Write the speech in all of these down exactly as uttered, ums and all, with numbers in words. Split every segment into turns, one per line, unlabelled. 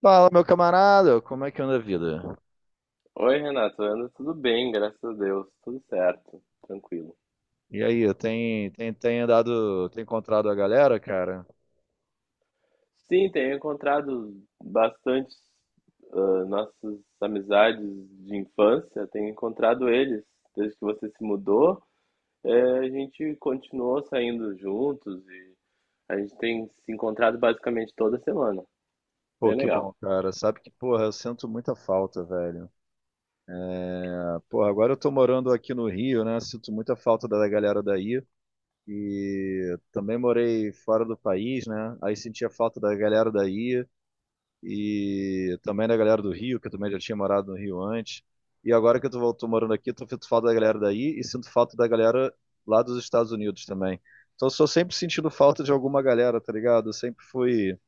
Fala, meu camarada, como é que anda a vida?
Oi, Renato, anda tudo bem, graças a Deus, tudo certo, tranquilo.
E aí, tem, tem, tem andado, tem encontrado a galera, cara?
Sim, tenho encontrado bastante ah, nossas amizades de infância, tenho encontrado eles desde que você se mudou. Eh, a gente continuou saindo juntos e a gente tem se encontrado basicamente toda semana.
Pô,
Bem
que
legal.
bom, cara. Sabe que, porra, eu sinto muita falta, velho. Ah, porra, agora eu tô morando aqui no Rio, né? Sinto muita falta da galera daí. E também morei fora do país, né? Aí sentia falta da galera daí. E também da galera do Rio, que eu também já tinha morado no Rio antes. E agora que eu tô, tô morando aqui, tô sinto falta da galera daí e sinto falta da galera lá dos Estados Unidos também. Então, eu sou sempre sentindo falta de alguma galera, tá ligado? Eu sempre fui,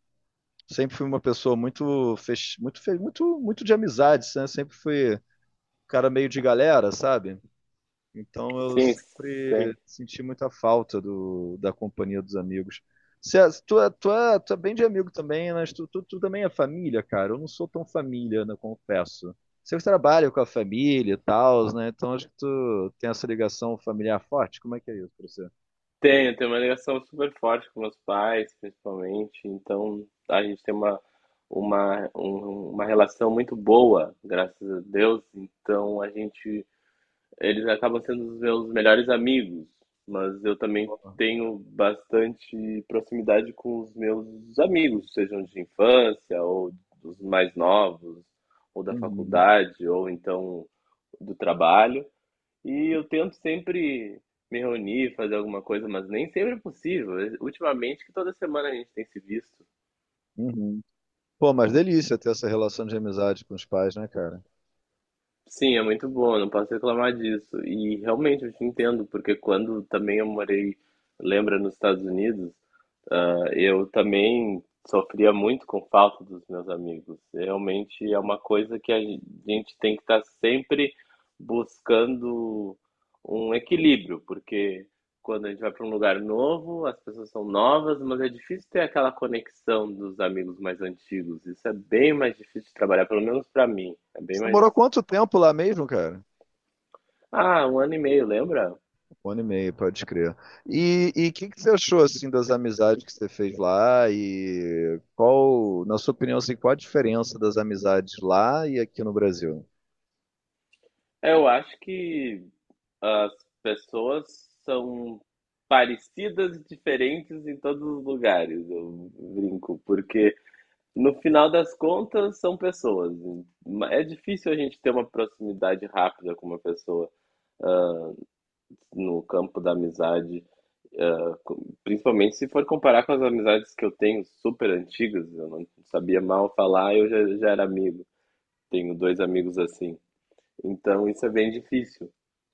sempre fui uma pessoa muito, fech... muito, fe- muito, muito de amizades, né? Sempre fui um cara meio de galera, sabe? Então eu
Sim, sim.
sempre senti muita falta do, da companhia dos amigos. César, tu, é- tu, é, tu é bem de amigo também, mas tu, tu, tu também é família, cara. Eu não sou tão família, né, confesso. Você trabalha com a família e tal, né? Então acho que tu tem essa ligação familiar forte. Como é que é isso pra você?
Tenho, tenho uma ligação super forte com meus pais, principalmente. Então, a gente tem uma, uma, um- uma relação muito boa, graças a Deus. Então, a gente, eles acabam sendo os meus melhores amigos, mas eu também tenho bastante proximidade com os meus amigos, sejam de infância ou dos mais novos, ou da
Uhum,
faculdade, ou então do trabalho. E eu tento sempre me reunir, fazer alguma coisa, mas nem sempre é possível. Ultimamente, que toda semana a gente tem se visto.
uhum. Pô, mas delícia ter essa relação de amizade com os pais, né, cara?
Sim, é muito bom, não posso reclamar disso. E realmente eu te entendo, porque quando também eu morei, lembra, nos Estados Unidos, ah, eu também sofria muito com falta dos meus amigos. Realmente é uma coisa que a gente tem que estar sempre buscando um equilíbrio, porque quando a gente vai para um lugar novo, as pessoas são novas, mas é difícil ter aquela conexão dos amigos mais antigos. Isso é bem mais difícil de trabalhar, pelo menos para mim. É bem
Você
mais
morou quanto tempo lá mesmo, cara?
ah, um ano e meio, lembra?
Um ano e meio, pode crer. E o que que você achou assim das amizades que você fez lá e qual, na sua opinião, assim, qual a diferença das amizades lá e aqui no Brasil?
É, Eu acho que as pessoas são parecidas e diferentes em todos os lugares, eu brinco, porque no final das contas são pessoas. É difícil a gente ter uma proximidade rápida com uma pessoa no campo da amizade, principalmente se for comparar com as amizades que eu tenho super antigas, eu não sabia mal falar, eu já, já era amigo. Tenho dois amigos assim. Então isso é bem difícil.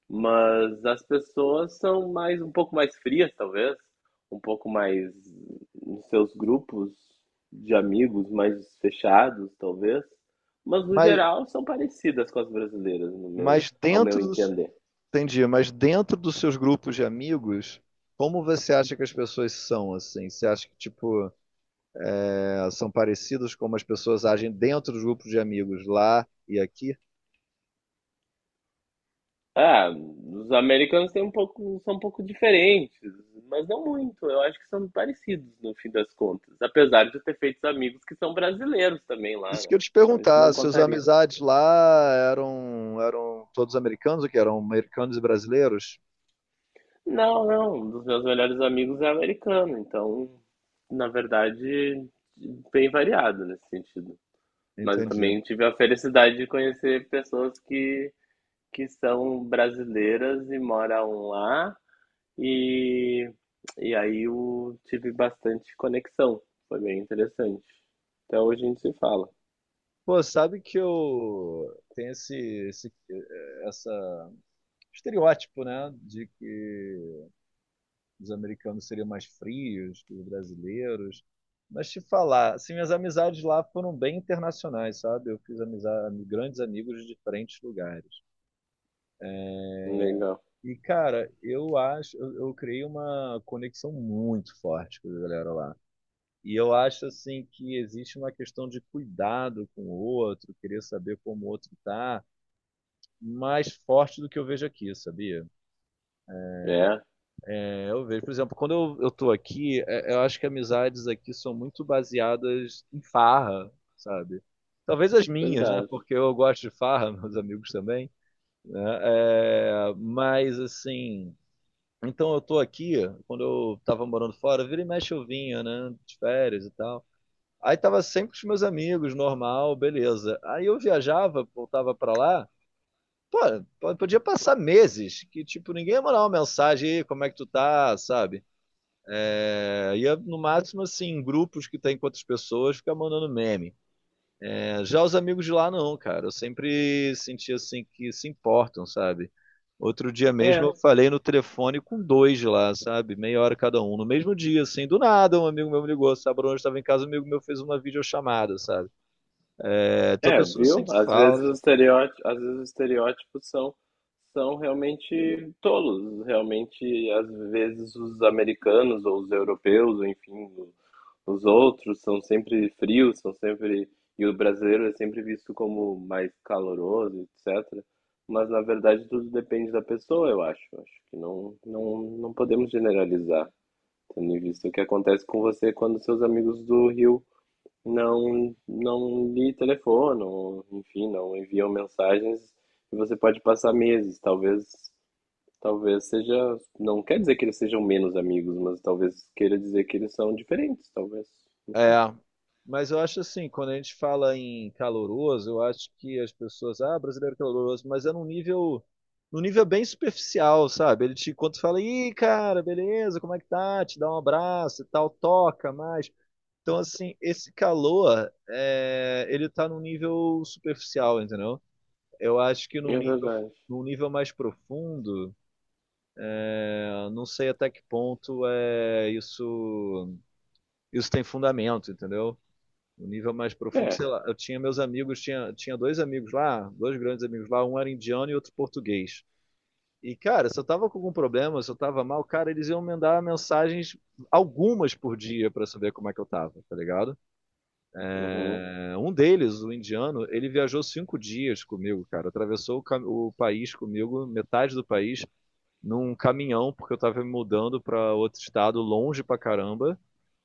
Mas as pessoas são mais um pouco mais frias, talvez, um pouco mais nos seus grupos de amigos mais fechados, talvez, mas no
Mas,
geral são parecidas com as brasileiras, no meu,
mas
ao meu
dentro dos,
entender.
entendi, mas dentro dos seus grupos de amigos, como você acha que as pessoas são assim? Você acha que tipo, eh, são parecidos como as pessoas agem dentro dos grupos de amigos lá e aqui?
Ah, os americanos têm um pouco, são um pouco diferentes, mas não muito. Eu acho que são parecidos no fim das contas, apesar de eu ter feito amigos que são brasileiros também lá,
Isso
né?
que eu te
Então isso
perguntar,
não
suas
contaria.
amizades lá eram, eram todos americanos ou que eram americanos e brasileiros?
Não, não, um dos meus melhores amigos é americano, então, na verdade, bem variado nesse sentido. Mas eu
Entendi.
também tive a felicidade de conhecer pessoas que, que são brasileiras e moram lá, e, e aí eu tive bastante conexão, foi bem interessante. Até hoje a gente se fala.
Pô, sabe que eu tenho esse, esse eh, essa estereótipo, né, de que os americanos seriam mais frios que os brasileiros. Mas te falar, assim, minhas amizades lá foram bem internacionais, sabe? Eu fiz amizade, grandes amigos de diferentes lugares.
Legal.
E, cara, eu acho, eu, eu criei uma conexão muito forte com a galera lá. E eu acho assim que existe uma questão de cuidado com o outro, querer saber como o outro está, mais forte do que eu vejo aqui, sabia?
É,
É, eu vejo, por exemplo, quando eu, eu tô aqui, é, eu acho que amizades aqui são muito baseadas em farra, sabe? Talvez as minhas, né?
verdade.
Porque eu gosto de farra, meus amigos também, né? É, mas assim, então eu tô aqui, quando eu tava morando fora, vira e mexe eu vinha, né? De férias e tal. Aí tava sempre com os meus amigos, normal, beleza. Aí eu viajava, voltava pra lá. Pô, po- podia passar meses que, tipo, ninguém ia mandar uma mensagem aí, como é que tu tá, sabe? É, ia, no máximo, assim, em grupos que tem com outras pessoas, ficar mandando meme. É, já os amigos de lá, não, cara. Eu sempre senti, assim, que se importam, sabe? Outro dia mesmo
É,
eu falei no telefone com dois de lá, sabe? Meia hora cada um. No mesmo dia, assim, do nada, um amigo meu me ligou, sabe? Bruno, eu estava em casa, um amigo meu fez uma videochamada, sabe? É, tua
É,
pessoa
viu?
sente
Às vezes
falta.
os estereótipos, às vezes os estereótipos são, são realmente tolos. Realmente, às vezes os americanos ou os europeus, ou enfim, o- os outros são sempre frios, são sempre e o brasileiro é sempre visto como mais caloroso, etcétera. Mas na verdade tudo depende da pessoa, eu acho. Acho que não, não, não podemos generalizar, tendo em vista o que acontece com você quando seus amigos do Rio não não lhe telefonam, enfim, não enviam mensagens e você pode passar meses, talvez talvez seja, não quer dizer que eles sejam menos amigos, mas talvez queira dizer que eles são diferentes, talvez, não
É,
sei.
mas eu acho assim, quando a gente fala em caloroso, eu acho que as pessoas, ah, brasileiro é caloroso, mas é num nível, num nível bem superficial, sabe? Ele te, quando tu fala, ih, cara, beleza, como é que tá? Te dá um abraço e tal, toca mais. Então, assim, esse calor, é, ele tá num nível superficial, entendeu? Eu acho que num
É
nível,
verdade.
num nível mais profundo, eu não sei até que ponto é isso isso tem fundamento, entendeu? No nível mais profundo,
É.
sei lá, eu tinha meus amigos, tinha, tinha dois amigos lá, dois grandes amigos lá, um era indiano e outro português. E, cara, se eu tava com algum problema, se eu tava mal, cara, eles iam mandar mensagens, algumas por dia, pra saber como é que eu tava, tá ligado?
Uhum.
É, um deles, o indiano, ele viajou cinco dias comigo, cara. Atravessou o, cam- o país comigo, metade do país, num caminhão, porque eu tava me mudando pra outro estado, longe pra caramba.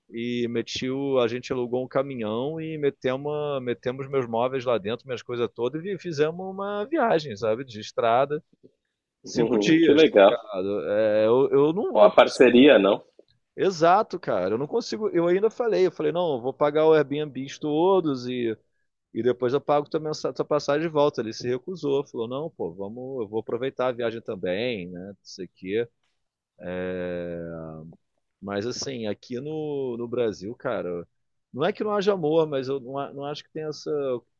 E meti o, a gente alugou um caminhão e metemos, a- metemos meus móveis lá dentro, minhas coisas todas, e fizemos uma viagem, sabe, de estrada, cinco
Uhum. Que
dias, tá
legal.
ligado? É, eu, eu não,
Ó,
não
a
consigo.
parceria, não?
Exato, cara, eu não consigo. Eu ainda falei, eu falei, não, eu vou pagar o Airbnb todos e, e depois eu pago também mensa- tua passagem de volta. Ele se recusou, falou, não, pô, vamos, eu vou aproveitar a viagem também, né? Não sei o quê. Mas assim, aqui no, no Brasil, cara, não é que não haja amor, mas eu não, a- não acho que tenha esse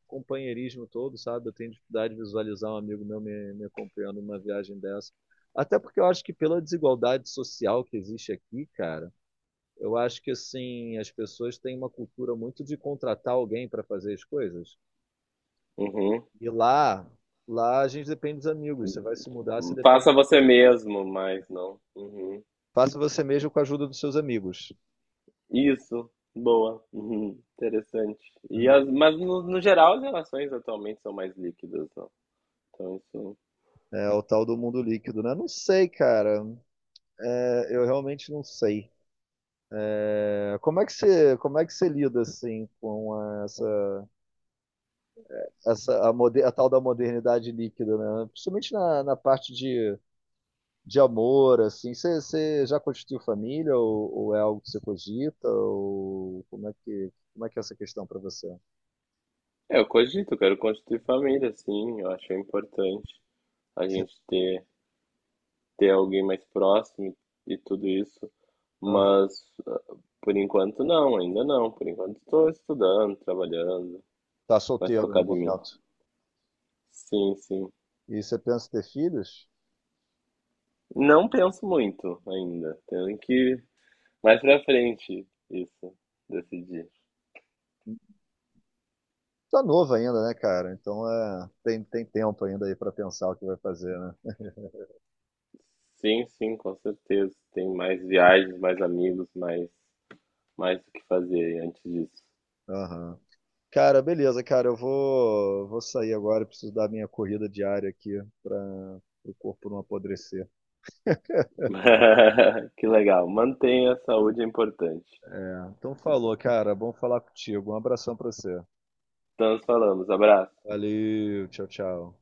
companheirismo todo, sabe? Eu tenho dificuldade de visualizar um amigo meu me, me acompanhando numa viagem dessa. Até porque eu acho que pela desigualdade social que existe aqui, cara, eu acho que assim, as pessoas têm uma cultura muito de contratar alguém para fazer as coisas.
Uhum.
E lá, lá a gente depende dos amigos. Você vai se mudar, você depende.
Faça você mesmo, mas não. Uhum.
Faça você mesmo com a ajuda dos seus amigos.
Isso. Boa. Uhum. Interessante. E as, mas no, no geral as relações atualmente são mais líquidas, não? Então, isso.
É o tal do mundo líquido, né? Não sei, cara. É, eu realmente não sei. É, como é que você, como é que você lida assim com essa, essa a, moder, a tal da modernidade líquida, né? Principalmente na, na parte de, de amor, assim. Você, você já constituiu família ou, ou é algo que você cogita? Ou como é que como é que é essa questão para você?
É, eu cogito, eu quero constituir família, sim, eu acho importante a
Você
gente ter, ter alguém mais próximo e tudo isso, mas ah, por enquanto não, ainda não, por enquanto estou estudando, trabalhando,
está
mais
solteiro no
focado em mim.
momento
Sim, sim.
e você pensa em ter filhos?
Não penso muito ainda, tenho que mais pra frente isso, decidir.
Tá novo ainda, né, cara? Então é, tem, tem tempo ainda aí para pensar o que vai fazer, né?
Sim, sim, com certeza, tem mais viagens, mais amigos, mais, mais o que fazer antes disso.
Aham. Cara, beleza, cara. Eu vou, vou sair agora. Preciso dar minha corrida diária aqui para o corpo não apodrecer.
Que legal. Mantenha a saúde é importante.
É, Então, falou, cara. Bom falar contigo. Um abração pra você.
Então, nos falamos. Abraço.
Valeu, tchau, tchau.